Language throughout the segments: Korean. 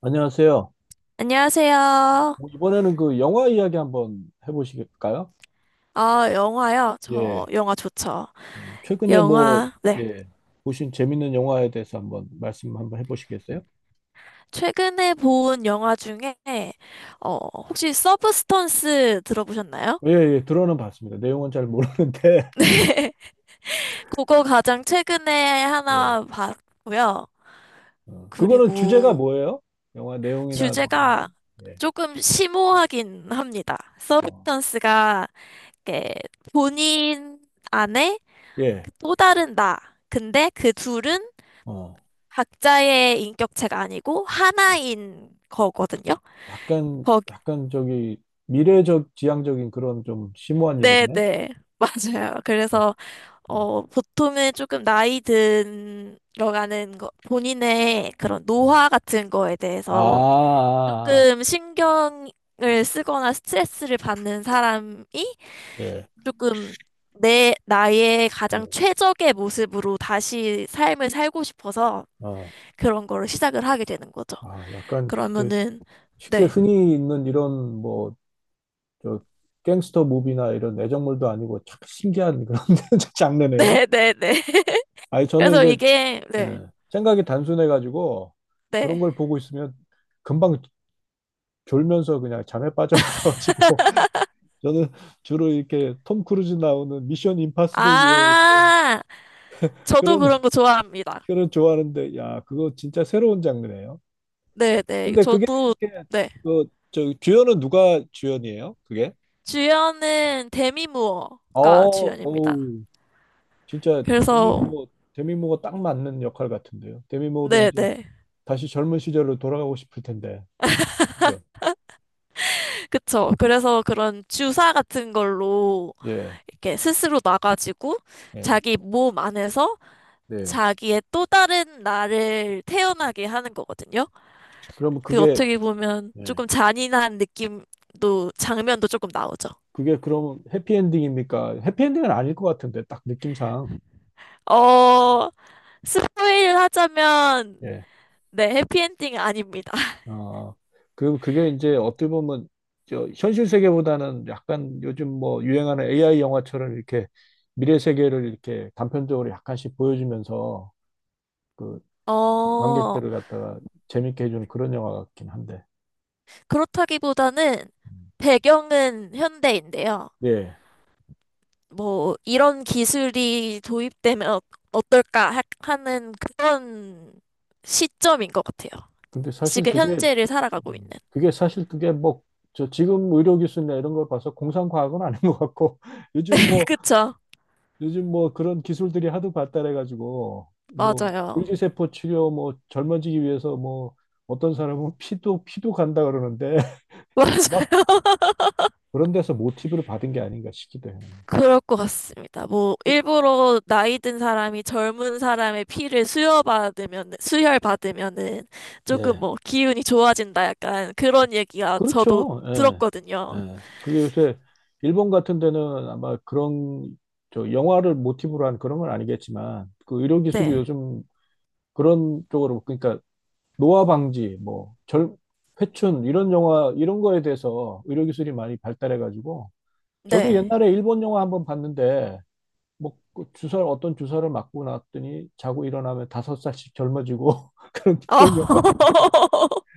안녕하세요. 안녕하세요. 뭐 이번에는 그 영화 이야기 한번 해보실까요? 아, 영화요? 저 예. 영화 좋죠. 최근에 뭐, 영화, 네. 예, 보신 재밌는 영화에 대해서 한번 말씀 한번 해보시겠어요? 최근에 본 영화 중에, 어, 혹시 서브스턴스 들어보셨나요? 예, 예, 들어는 봤습니다. 내용은 잘 모르는데, 네. 그거 가장 최근에 예. 하나 봤고요. 어, 그거는 그리고 주제가 뭐예요? 영화 내용이나 뭐, 이런 주제가 거? 예. 조금 심오하긴 합니다. 어, 서브스턴스가 이렇게 본인 안에 예. 또 다른 나. 근데 그 둘은 어, 각자의 인격체가 아니고 어. 하나인 거거든요. 약간, 거기, 약간 저기, 미래적, 지향적인 그런 좀 심오한 이야기네? 네네, 맞아요. 그래서, 예. 보통은 조금 나이 든 들어가는 거, 본인의 그런 음. 노화 같은 거에 아, 대해서 아, 아. 조금 신경을 쓰거나 스트레스를 받는 사람이 예. 조금 내, 나의 가장 음. 최적의 모습으로 다시 삶을 살고 싶어서 어. 그런 거를 시작을 하게 되는 거죠. 아, 약간 저 그러면은, 쉽게 네. 흔히 있는 이런 뭐 저 갱스터 무비나 이런 애정물도 아니고 참 신기한 그런 장르네요. 네네네. 아니 저는 그래서 이게 이게, 예, 네, 생각이 단순해가지고 그런 네. 걸 보고 있으면 금방 졸면서 그냥 잠에 빠져가지고 저는 주로 이렇게 톰 크루즈 나오는 미션 임파서블 유에 아, 저도 그런 그런 거 좋아합니다. 그런 좋아하는데 야 그거 진짜 새로운 장르네요. 네네. 근데 그게 저도, 이렇게 네. 그 저 주연은 누가 주연이에요? 그게? 주연은 데미 무어가 어, 주연입니다. 오. 진짜 그래서, 데미모어 데미모어 딱 맞는 역할 같은데요. 데미모어도 이제 네네. 다시 젊은 시절로 돌아가고 싶을 텐데, 그죠? 그쵸. 그래서 그런 주사 같은 걸로 예, 이렇게 스스로 놔가지고 예, 자기 몸 안에서 네. 자기의 또 다른 나를 태어나게 하는 거거든요. 그러면 그 그게 어떻게 보면 예. 조금 잔인한 느낌도, 장면도 조금 나오죠. 그게 그럼 해피엔딩입니까? 해피엔딩은 아닐 것 같은데 딱 느낌상 어, 스포일을 하자면, 예, 네, 해피엔딩 아닙니다. 어, 그 그게 이제 어떻게 보면 저 현실 세계보다는 약간 요즘 뭐 유행하는 AI 영화처럼 이렇게 미래 세계를 이렇게 단편적으로 약간씩 보여주면서 그 어, 관객들을 갖다가 재밌게 해주는 그런 영화 같긴 한데. 그렇다기보다는 배경은 현대인데요. 예. 뭐, 이런 기술이 도입되면 어떨까 하는 그런 시점인 것 같아요. 근데 사실 지금 그게, 현재를 살아가고 있는. 그게 사실 그게 뭐, 저 지금 의료기술이나 이런 걸 봐서 공상과학은 아닌 것 같고, 요즘 뭐, 그쵸? 요즘 뭐 그런 기술들이 하도 발달해가지고, 뭐, 맞아요. 물리세포 치료, 뭐, 젊어지기 위해서 뭐, 어떤 사람은 피도 간다 그러는데, 아마 맞아요. 그런 데서 모티브를 받은 게 아닌가 싶기도 해요. 그럴 것 같습니다. 뭐, 그- 일부러 나이 든 사람이 젊은 사람의 피를 수혈받으면은 조금 예. 뭐, 기운이 좋아진다 약간 그런 얘기가 저도 그렇죠. 예. 들었거든요. 예. 그게 요새 일본 같은 데는 아마 그런 저 영화를 모티브로 한 그런 건 아니겠지만 그 의료 기술이 네. 요즘 그런 쪽으로 그러니까 노화 방지 뭐 절, 회춘 이런 영화 이런 거에 대해서 의료 기술이 많이 발달해 가지고 저도 네. 옛날에 일본 영화 한번 봤는데 뭐그 주사 어떤 주사를 맞고 났더니 자고 일어나면 다섯 살씩 젊어지고 그런 아, 그런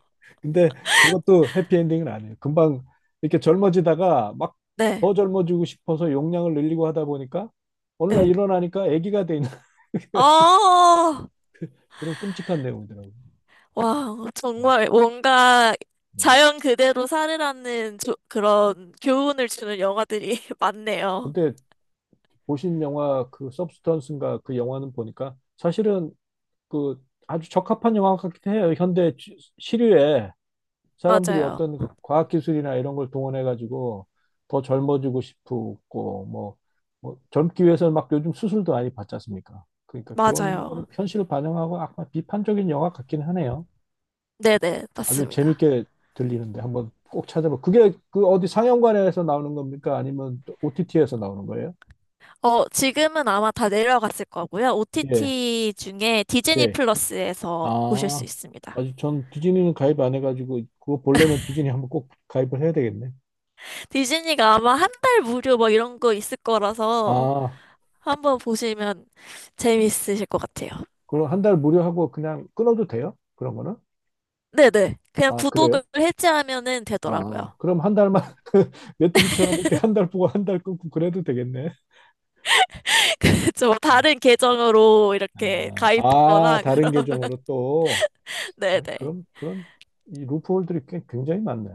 근데 그것도 해피엔딩은 아니에요. 금방 이렇게 젊어지다가 막 네. 더 젊어지고 싶어서 용량을 늘리고 하다 보니까 어느 날 네. 일어나니까 아기가 돼 있는 아, 그런 끔찍한 내용이더라고요. 와, 정말 뭔가 네. 자연 그대로 살으라는 그런 교훈을 주는 영화들이 많네요. 근데 보신 영화 그 서브스턴스인가 그 영화는 보니까 사실은 그 아주 적합한 영화 같기도 해요. 현대 시- 시류에 사람들이 맞아요. 어떤 과학기술이나 이런 걸 동원해가지고 더 젊어지고 싶고, 뭐, 뭐 젊기 위해서는 막 요즘 수술도 많이 받지 않습니까? 그러니까 그런 거를 맞아요. 현실을 반영하고 약간 비판적인 영화 같긴 하네요. 네네. 아주 맞습니다. 재밌게 들리는데 한번 꼭 찾아봐. 그게 그 어디 상영관에서 나오는 겁니까? 아니면 OTT에서 나오는 거예요? 지금은 아마 다 내려갔을 거고요. 예, OTT 중에 디즈니 예. 플러스에서 보실 수 아, 있습니다. 아주 전 디즈니는 가입 안 해가지고 그거 보려면 디즈니 한번 꼭 가입을 해야 되겠네. 디즈니가 아마 한 달 무료 뭐 이런 거 있을 거라서 아, 한번 보시면 재밌으실 것 같아요. 그럼 한 달 무료 하고 그냥 끊어도 돼요? 그런 거는? 네네. 그냥 아, 그래요? 구독을 해지하면은 아, 되더라고요. 아. 그럼 한 달만 메뚜기처럼 이렇게 한 달 보고 한 달 끊고 그래도 되겠네. 그죠. 다른 계정으로 이렇게 아, 아, 가입하거나 다른 그러면. 계정으로 또. 아니, 네네. 그럼, 그런, 이 루프홀들이 꽤- 굉장히 많네.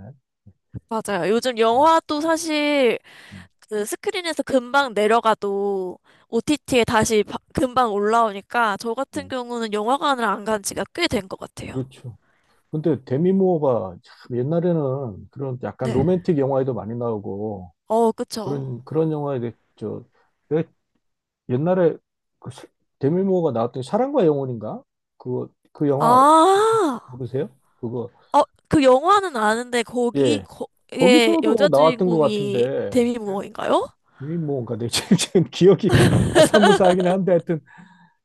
맞아요. 요즘 음, 영화도 사실 음, 그 스크린에서 금방 내려가도 OTT에 다시 금방 올라오니까 저 같은 음. 경우는 영화관을 안 간 지가 꽤 된 것 같아요. 그렇죠. 근데 데미 모어가 참 옛날에는 그런 약간 네. 로맨틱 영화에도 많이 나오고 어, 그쵸. 그런 영화에 대- 저, 옛날에 그 사- 데밀모어가 나왔던 사랑과 영혼인가? 그거 그 영화 아, 모르세요? 그거 어, 그 영화는 아는데 거기, 예 거기에 거기서도 여자 나왔던 것 주인공이 같은데 데미 무어인가요? 데밀모어인가 내 지금 지금 기억이 아사무사하긴 한데 하여튼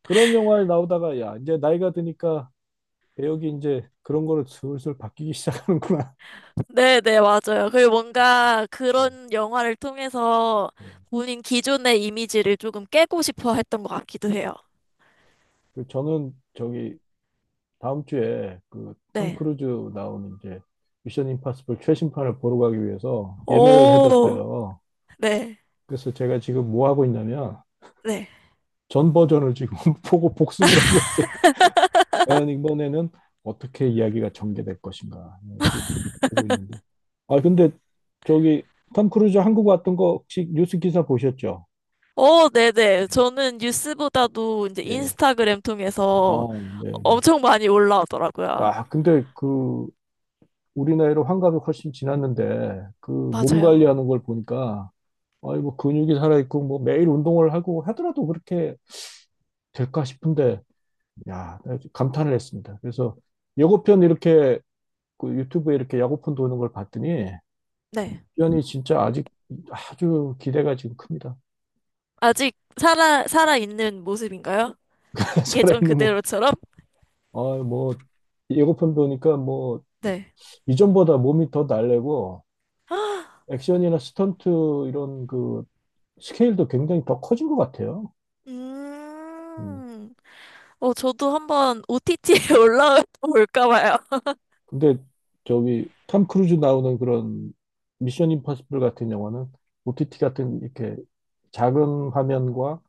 그런 영화에 나오다가 야 이제 나이가 드니까 배역이 이제 그런 거를 슬슬 바뀌기 시작하는구나. 네네, 맞아요. 그 뭔가 예. 그런 영화를 통해서 예. 본인 기존의 이미지를 조금 깨고 싶어 했던 것 같기도 해요. 그 저는 저기 다음 주에 그 톰 네. 크루즈 나오는 이제 미션 임파서블 최신판을 보러 가기 위해서 예매를 오, 해뒀어요. 네, 그래서 제가 지금 뭐 하고 있냐면 네. 전 버전을 지금 보고 복습을 하고 있어요. 과연 이번에는 어떻게 이야기가 전개될 것인가. 네, 그 보고 있는데. 아 근데 저기 톰 크루즈 한국 왔던 거 혹시 뉴스 기사 보셨죠? 어, 네네. 저는 뉴스보다도 이제 예. 인스타그램 통해서 어, 네, 네. 엄청 많이 올라오더라고요. 아, 근데 그 우리 나이로 환갑이 훨씬 지났는데 그 몸 관리하는 맞아요. 걸 보니까 아이고 근육이 살아 있고 뭐 매일 운동을 하고 하더라도 그렇게 될까 싶은데 야, 감탄을 했습니다. 그래서 예고편 이렇게 그 유튜브에 이렇게 야구편 도는 걸 봤더니 네. 연이 진짜 아직 아주 기대가 지금 큽니다. 아직 살아있는 모습인가요? 예전 살아있는 뭐, 그대로처럼? 아, 뭐 예고편 보니까 뭐 네. 이전보다 몸이 더 날래고 액션이나 스턴트 이런 그 스케일도 굉장히 더 커진 것 같아요. 음. 음, 어, 저도 한번 OTT에 올라올까 봐요. 근데 저기 탐 크루즈 나오는 그런 미션 임파서블 같은 영화는 OTT 같은 이렇게 작은 화면과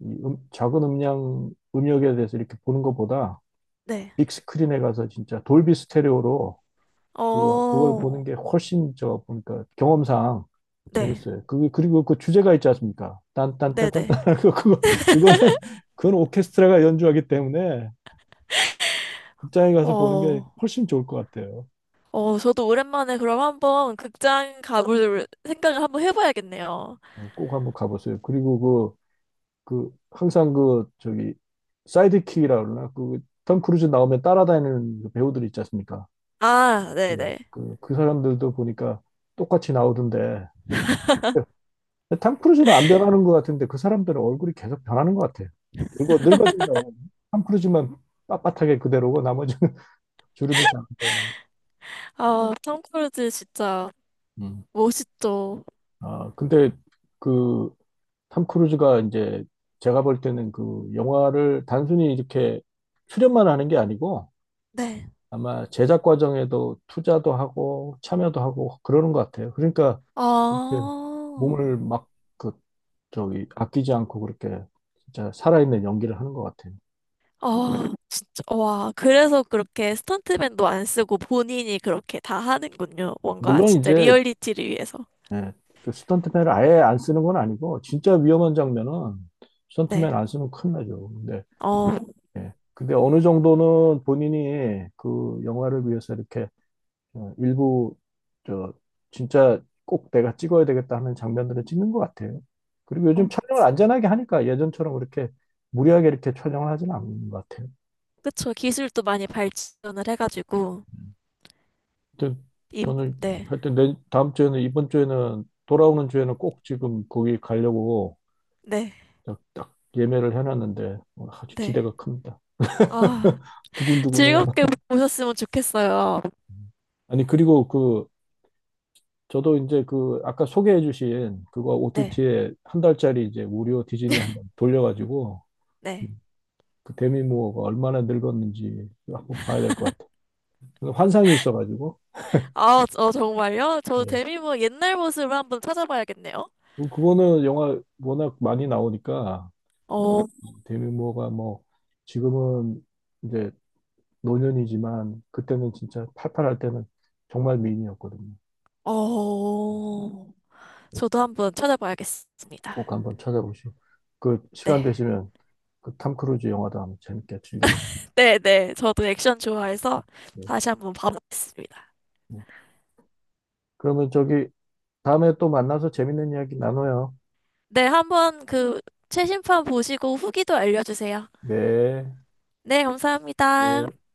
이 작은 음량 음역에 대해서 이렇게 보는 것보다 네. 빅 스크린에 가서 진짜 돌비 스테레오로 그 그걸 보는 어, 게 훨씬 저 보니까 경험상 네. 재밌어요. 그 그리고 그 주제가 있지 않습니까? 딴딴딴딴딴 네네. 그거 그거는 그건 오케스트라가 연주하기 때문에 극장에 가서 보는 게 어, 훨씬 좋을 것 같아요. 어, 저도 오랜만에 그럼 한번 극장 가볼 생각을 한번 해봐야겠네요. 어, 꼭 한번 가보세요. 그리고 그 그 항상 그 저기 사이드킥이라 그러나 그 톰 크루즈 나오면 따라다니는 그 배우들 있지 않습니까? 아, 예, 네네. 그, 그 사람들도 보니까 똑같이 나오던데, 탐 크루즈는 안 변하는 것 같은데, 그 사람들은 얼굴이 계속 변하는 것 같아요. 늙어, 늙어진다. 그탐 크루즈만 빳빳하게 그대로고, 나머지는 주름이 잘안 들어가는. 아, 톰 크루즈 진짜 거. 음. 멋있죠. 아, 근데 그, 탐 크루즈가 이제, 제가 볼 때는 그 영화를 단순히 이렇게 출연만 하는 게 아니고, 네. 아마 제작 과정에도 투자도 하고 참여도 하고 그러는 것 같아요. 그러니까 이렇게 아, 몸을 막 그 저기 아끼지 않고 그렇게 진짜 살아있는 연기를 하는 것 같아요. 아, 진짜, 와. 그래서 그렇게 스턴트맨도 안 쓰고 본인이 그렇게 다 하는군요. 뭔가 물론 진짜 이제 리얼리티를 위해서. 예, 그 스턴트맨을 아예 안 쓰는 건 아니고 진짜 위험한 장면은 스턴트맨 네. 안 쓰면 큰일 나죠. 근데 어, 예, 근데 어느 정도는 본인이 그 영화를 위해서 이렇게 어, 일부 저 진짜 꼭 내가 찍어야 되겠다 하는 장면들은 찍는 것 같아요. 그리고 요즘 촬영을 안전하게 하니까 예전처럼 그렇게 무리하게 이렇게 촬영을 하지는 않는 것 같아요. 그쵸. 기술도 많이 발전을 해가지고. 음. 하여튼 임, 저는 네. 하여튼 내 다음 주에는 이번 주에는 돌아오는 주에는 꼭 지금 거기 가려고 네. 딱 예매를 해놨는데 어, 아주 네. 기대가 큽니다. 아, 두근두근해요. 즐겁게 보셨으면 좋겠어요. 아니 그리고 그 저도 이제 그 아까 소개해주신 그거 네. OTT에 한 달짜리 이제 무료 디즈니 한번 돌려가지고 네. 그 데미 무어가 얼마나 늙었는지 한번 봐야 될 것 같아. 요 환상이 있어가지고. 아, 어, 정말요? 저 예. 데미모 옛날 모습을 한번 찾아봐야겠네요. 그리고 그거는 영화 워낙 많이 나오니까 어. 데미 무어가 뭐 지금은 이제 노년이지만 그때는 진짜 팔팔할 때는 정말 미인이었거든요. 어, 어, 저도 한번 찾아봐야겠습니다. 꼭 한번 찾아보시고 그 시간 네, 되시면 그 탐 크루즈 영화도 한번 재밌게 즐겨보세요. 네, 네. 저도 액션 좋아해서 네. 다시 한번 봐보겠습니다. 네. 그러면 저기 다음에 또 만나서 재밌는 이야기 나눠요. 네, 한번 그 최신판 보시고 후기도 알려주세요. 네. 네, 감사합니다. 네.